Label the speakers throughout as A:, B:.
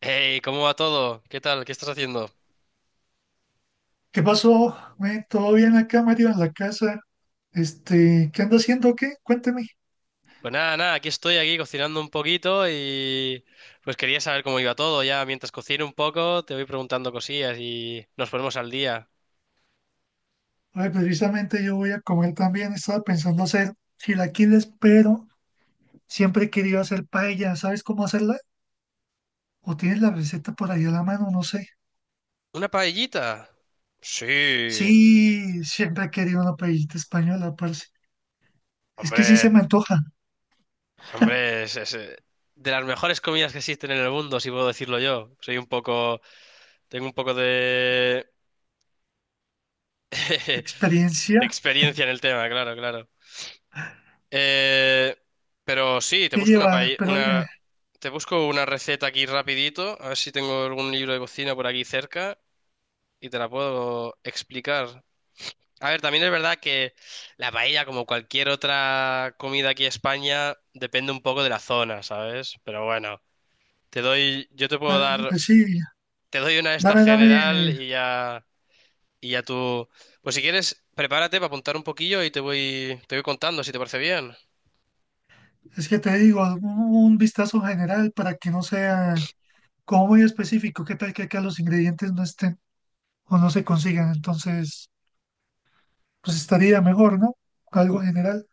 A: Hey, ¿cómo va todo? ¿Qué tal? ¿Qué estás haciendo?
B: ¿Qué pasó? ¿Todo bien acá, Mario, en la casa? ¿Qué ando haciendo? O ¿qué? Cuénteme.
A: Pues nada, aquí estoy aquí cocinando un poquito y pues quería saber cómo iba todo. Ya mientras cocino un poco, te voy preguntando cosillas y nos ponemos al día.
B: Ay, precisamente yo voy a comer también. Estaba pensando hacer chilaquiles, pero siempre he querido hacer paella. ¿Sabes cómo hacerla? ¿O tienes la receta por ahí a la mano? No sé.
A: ¿Una paellita? Sí,
B: Sí, siempre he querido una paellita española, parce. Es que sí se me
A: hombre,
B: antoja.
A: hombre, de las mejores comidas que existen en el mundo, si puedo decirlo yo. Soy un poco, tengo un poco de, de
B: Experiencia
A: experiencia en el tema, claro, claro. Eh, pero sí, te
B: que
A: busco una,
B: lleva,
A: paella,
B: pero
A: una, te busco una receta aquí rapidito, a ver si tengo algún libro de cocina por aquí cerca y te la puedo explicar. A ver, también es verdad que la paella, como cualquier otra comida aquí en España, depende un poco de la zona, ¿sabes? Pero bueno, te doy, yo te puedo
B: pues,
A: dar,
B: pues sí,
A: te doy una de esta
B: dame,
A: general
B: dame.
A: y ya tú, pues si quieres, prepárate para apuntar un poquillo y te voy contando si te parece bien.
B: Es que te digo, un vistazo general para que no sea como muy específico, qué tal que acá los ingredientes no estén o no se consigan, entonces pues estaría mejor, ¿no? Algo general.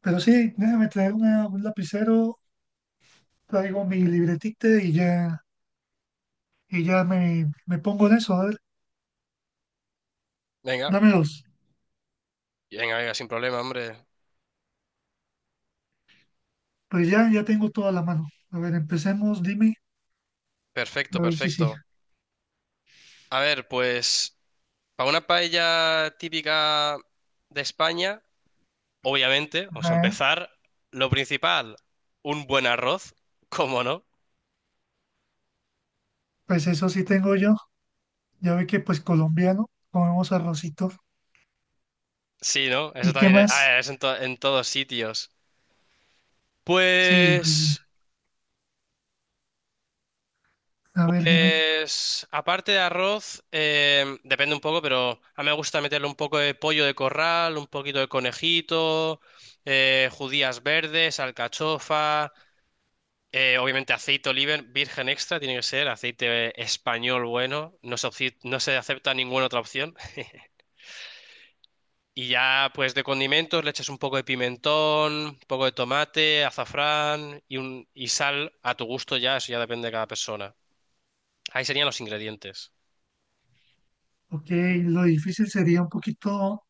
B: Pero sí, déjame traer un lapicero, traigo mi libretita y ya me pongo en eso, a ver,
A: Venga,
B: dame dos.
A: venga, venga, sin problema, hombre.
B: Pues ya, ya tengo toda la mano. A ver, empecemos, dime,
A: Perfecto,
B: a ver si sí.
A: perfecto. A ver, pues para una paella típica de España, obviamente, vamos a
B: Ajá,
A: empezar. Lo principal, un buen arroz, ¿cómo no?
B: pues eso sí tengo yo. Ya ve que pues colombiano, comemos arrocito.
A: Sí, ¿no? Eso
B: ¿Y qué
A: también es, a
B: más?
A: ver, es en todos sitios.
B: Sí, pues,
A: Pues,
B: a ver, dime.
A: pues, aparte de arroz, depende un poco, pero a mí me gusta meterle un poco de pollo de corral, un poquito de conejito, judías verdes, alcachofa. Obviamente aceite oliva virgen extra, tiene que ser aceite español bueno, no se acepta ninguna otra opción. Y ya pues de condimentos le echas un poco de pimentón, un poco de tomate, azafrán y sal a tu gusto ya, eso ya depende de cada persona. Ahí serían los ingredientes.
B: Ok, lo difícil sería un poquito.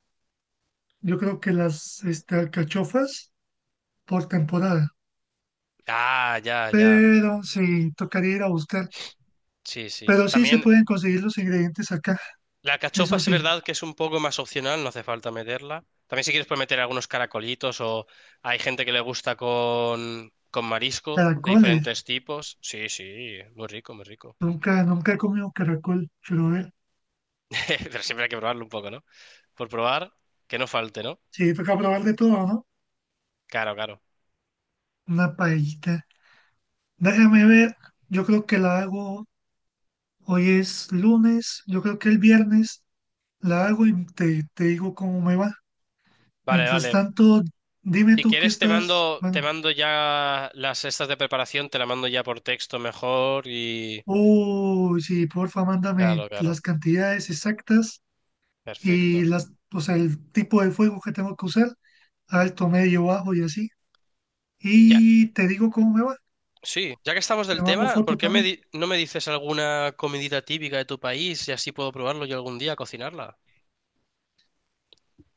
B: Yo creo que las alcachofas por temporada,
A: Ah, ya, ya.
B: pero sí, tocaría ir a buscar.
A: Sí, sí.
B: Pero sí se
A: También
B: pueden conseguir los ingredientes acá,
A: la cachofa
B: eso
A: sí es
B: sí,
A: verdad que es un poco más opcional, no hace falta meterla. También si quieres puedes meter algunos caracolitos o hay gente que le gusta con marisco de
B: caracoles.
A: diferentes tipos. Sí, sí, muy rico, muy rico.
B: Nunca he comido caracol, pero a ver,
A: Pero siempre hay que probarlo un poco, ¿no? Por probar, que no falte, ¿no?
B: sí, toca probar de todo, ¿no?
A: Claro, claro.
B: Una paellita. Déjame ver, yo creo que la hago, hoy es lunes, yo creo que el viernes la hago y te digo cómo me va.
A: Vale,
B: Mientras
A: vale.
B: tanto, dime
A: Si
B: tú qué
A: quieres te
B: estás,
A: mando, te
B: bueno.
A: mando ya las estas de preparación, te la mando ya por texto mejor y...
B: Uy, sí, porfa, mándame
A: Claro, claro.
B: las cantidades exactas y
A: Perfecto.
B: o sea, el tipo de fuego que tengo que usar, alto, medio, bajo y así.
A: Ya,
B: Y te digo cómo me va,
A: sí, ya que estamos
B: te
A: del
B: mando
A: tema,
B: foto
A: ¿por qué
B: también.
A: no me dices alguna comidita típica de tu país y así puedo probarlo yo algún día, cocinarla?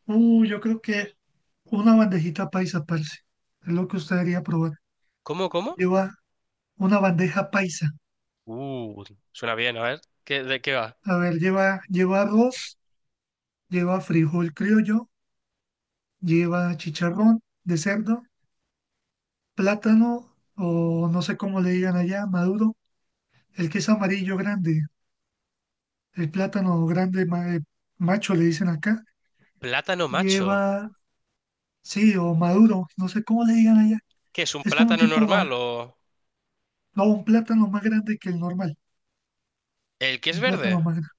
B: Uy, yo creo que una bandejita paisa, parce, es lo que usted debería probar.
A: ¿Cómo, cómo?
B: Lleva una bandeja paisa.
A: Uh, suena bien, a ver. ¿Qué, de qué va?
B: A ver, lleva arroz, lleva frijol criollo, lleva chicharrón de cerdo, plátano, o no sé cómo le digan allá, maduro. El queso amarillo grande, el plátano grande macho le dicen acá,
A: Plátano macho.
B: lleva, sí, o maduro, no sé cómo le digan allá.
A: ¿Qué es un
B: Es como un
A: plátano
B: tipo,
A: normal o
B: no, un plátano más grande que el normal,
A: el que es
B: un plátano
A: verde?
B: más grande.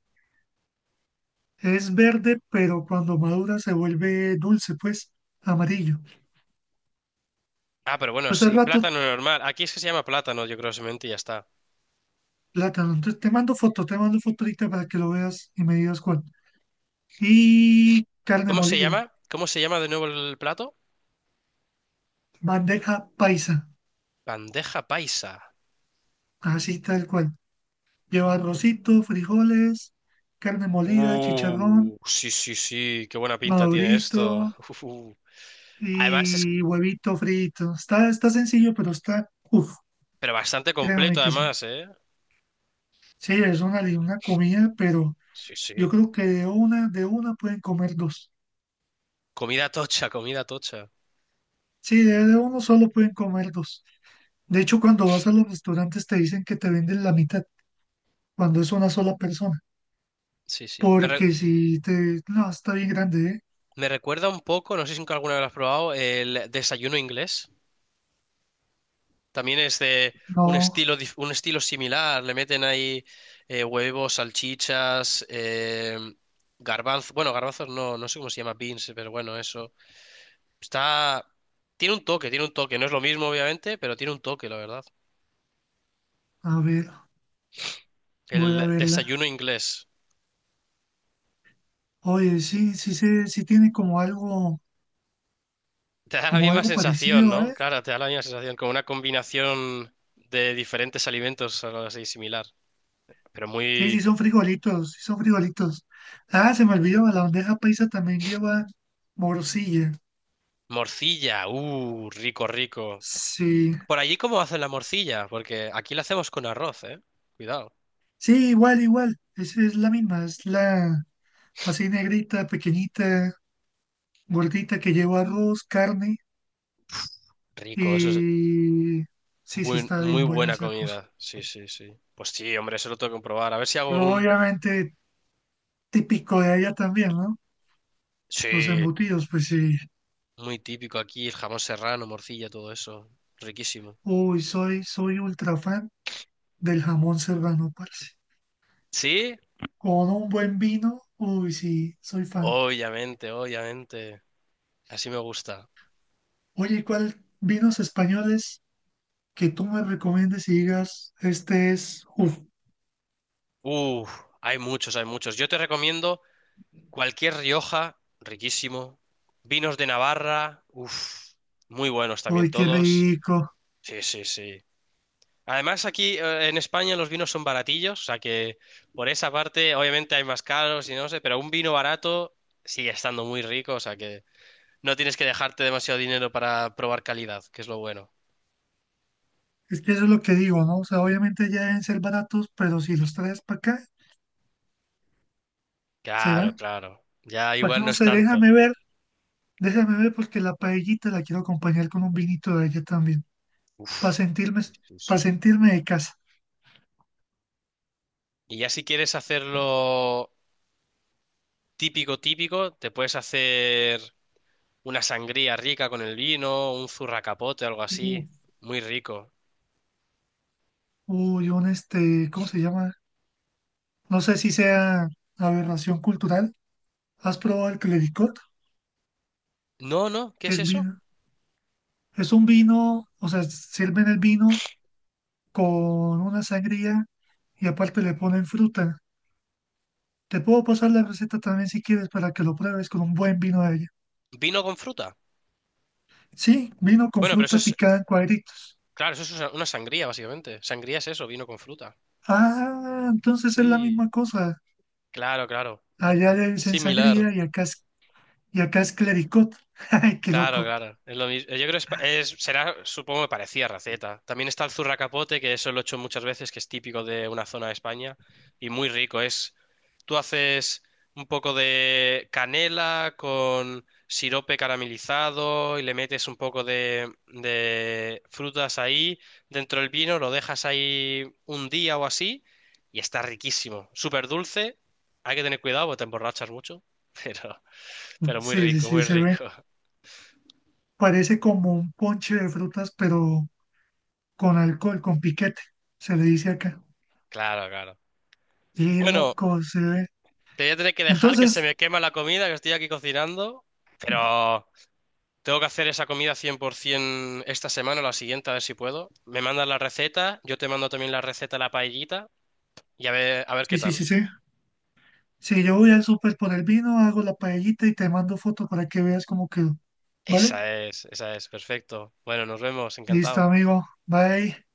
B: Es verde, pero cuando madura se vuelve dulce, pues, amarillo.
A: Ah, pero bueno,
B: Pues al
A: sí,
B: rato,
A: plátano normal. Aquí es que se llama plátano, yo creo, simplemente y ya está.
B: plátano. Entonces te mando foto ahorita para que lo veas y me digas cuál. Y carne
A: ¿Cómo se
B: molida,
A: llama? ¿Cómo se llama de nuevo el plato?
B: bandeja paisa,
A: Bandeja paisa.
B: así tal cual. Lleva arrocito, frijoles, carne molida, chicharrón,
A: Sí, sí, sí, qué buena pinta tiene
B: madurito
A: esto. Además es
B: y huevito frito. Está, está sencillo, pero está, uff,
A: Pero bastante completo
B: créame que sí.
A: además, ¿eh?
B: Sí, es una comida, pero
A: Sí,
B: yo
A: sí.
B: creo que de una pueden comer dos.
A: Comida tocha, comida tocha.
B: Sí, de uno solo pueden comer dos. De hecho, cuando vas a los restaurantes te dicen que te venden la mitad, cuando es una sola persona.
A: Sí, sí.
B: Porque si te... No, está bien grande, ¿eh?
A: Me recuerda un poco, no sé si nunca alguna vez lo has probado, el desayuno inglés. También es de un
B: No,
A: estilo, un estilo similar. Le meten ahí huevos, salchichas, garbanzos. Bueno, garbanzos no, no sé cómo se llama, beans, pero bueno, eso. Está... Tiene un toque, tiene un toque. No es lo mismo, obviamente, pero tiene un toque, la verdad.
B: a ver, voy a
A: El
B: verla.
A: desayuno inglés.
B: Oye, sí, sí, tiene
A: Te da la
B: como
A: misma
B: algo
A: sensación,
B: parecido,
A: ¿no?
B: ¿eh?
A: Claro, te da la misma sensación, como una combinación de diferentes alimentos, algo así similar. Pero
B: Sí, sí
A: muy
B: son frijolitos, sí son frijolitos. Ah, se me olvidó, la bandeja paisa también lleva morcilla.
A: morcilla, rico, rico.
B: Sí,
A: Por allí, ¿cómo hacen la morcilla? Porque aquí la hacemos con arroz, ¿eh? Cuidado.
B: sí, igual, igual, es la misma, es la así negrita, pequeñita, gordita que lleva arroz, carne
A: Rico, eso es
B: y sí, sí está
A: muy
B: bien buena
A: buena
B: esa cosa.
A: comida. Sí, sí, sí. Pues sí, hombre, eso lo tengo que probar. A ver si hago
B: Pero
A: un...
B: obviamente típico de allá también, ¿no? Los
A: Sí,
B: embutidos, pues sí.
A: muy típico aquí, el jamón serrano, morcilla, todo eso. Riquísimo.
B: Uy, soy ultra fan del jamón serrano, parce.
A: ¿Sí?
B: Con un buen vino, uy, sí, soy fan.
A: Obviamente, obviamente. Así me gusta.
B: Oye, ¿cuál vinos españoles que tú me recomiendes y digas, este es, uff,
A: Uf, hay muchos, hay muchos. Yo te recomiendo cualquier Rioja, riquísimo. Vinos de Navarra, uf, muy buenos también
B: uy, qué
A: todos.
B: rico?
A: Sí, sí, sí. Además, aquí en España los vinos son baratillos, o sea que por esa parte, obviamente hay más caros y no sé, pero un vino barato sigue estando muy rico, o sea que no tienes que dejarte demasiado dinero para probar calidad, que es lo bueno.
B: Es que eso es lo que digo, ¿no? O sea, obviamente ya deben ser baratos, pero si los traes para acá,
A: Claro,
B: ¿será?
A: claro. Ya
B: Pues
A: igual no
B: no
A: es
B: sé,
A: tanto.
B: déjame ver porque la paellita la quiero acompañar con un vinito de ella también, para
A: Uf,
B: sentirme,
A: sí, sí.
B: para
A: Sí.
B: sentirme de casa.
A: Y ya si quieres hacerlo típico, típico, te puedes hacer una sangría rica con el vino, un zurracapote, algo así,
B: Uf.
A: muy rico.
B: Uy, un este, ¿cómo se llama? No sé si sea aberración cultural. ¿Has probado el clericot?
A: No, no, ¿qué
B: Que
A: es
B: es
A: eso?
B: vino. Es un vino, o sea, sirven el vino con una sangría y aparte le ponen fruta. Te puedo pasar la receta también si quieres para que lo pruebes con un buen vino de ella.
A: Vino con fruta.
B: Sí, vino con
A: Bueno, pero eso
B: fruta
A: es,
B: picada en cuadritos.
A: claro, eso es una sangría, básicamente. Sangría es eso, vino con fruta.
B: Ah, entonces es la
A: Sí,
B: misma cosa.
A: claro, claro.
B: Allá le dicen
A: Similar.
B: sangría y y acá es clericot. Ay, qué
A: Claro,
B: loco.
A: claro. Es lo mismo. Yo creo que será, supongo que parecía raceta. También está el zurracapote, que eso lo he hecho muchas veces, que es típico de una zona de España y muy rico. Es, tú haces un poco de canela con sirope caramelizado y le metes un poco de frutas ahí dentro del vino, lo dejas ahí un día o así y está riquísimo. Súper dulce. Hay que tener cuidado porque te emborrachas mucho, pero, pero muy
B: Sí, sí,
A: rico,
B: sí,
A: muy
B: se ve.
A: rico.
B: Parece como un ponche de frutas, pero con alcohol, con piquete, se le dice acá.
A: Claro, claro.
B: Y
A: Bueno,
B: loco se ve.
A: te voy a tener que dejar que se
B: Entonces,
A: me quema la comida que estoy aquí cocinando, pero tengo que hacer esa comida 100% esta semana o la siguiente, a ver si puedo. Me mandas la receta, yo te mando también la receta de la paellita y a ver qué
B: sí, sí,
A: tal.
B: sí, sí. Si yo voy al súper por el vino, hago la paellita y te mando foto para que veas cómo quedó. ¿Vale?
A: Esa es, perfecto. Bueno, nos vemos,
B: Listo,
A: encantado.
B: amigo. Bye.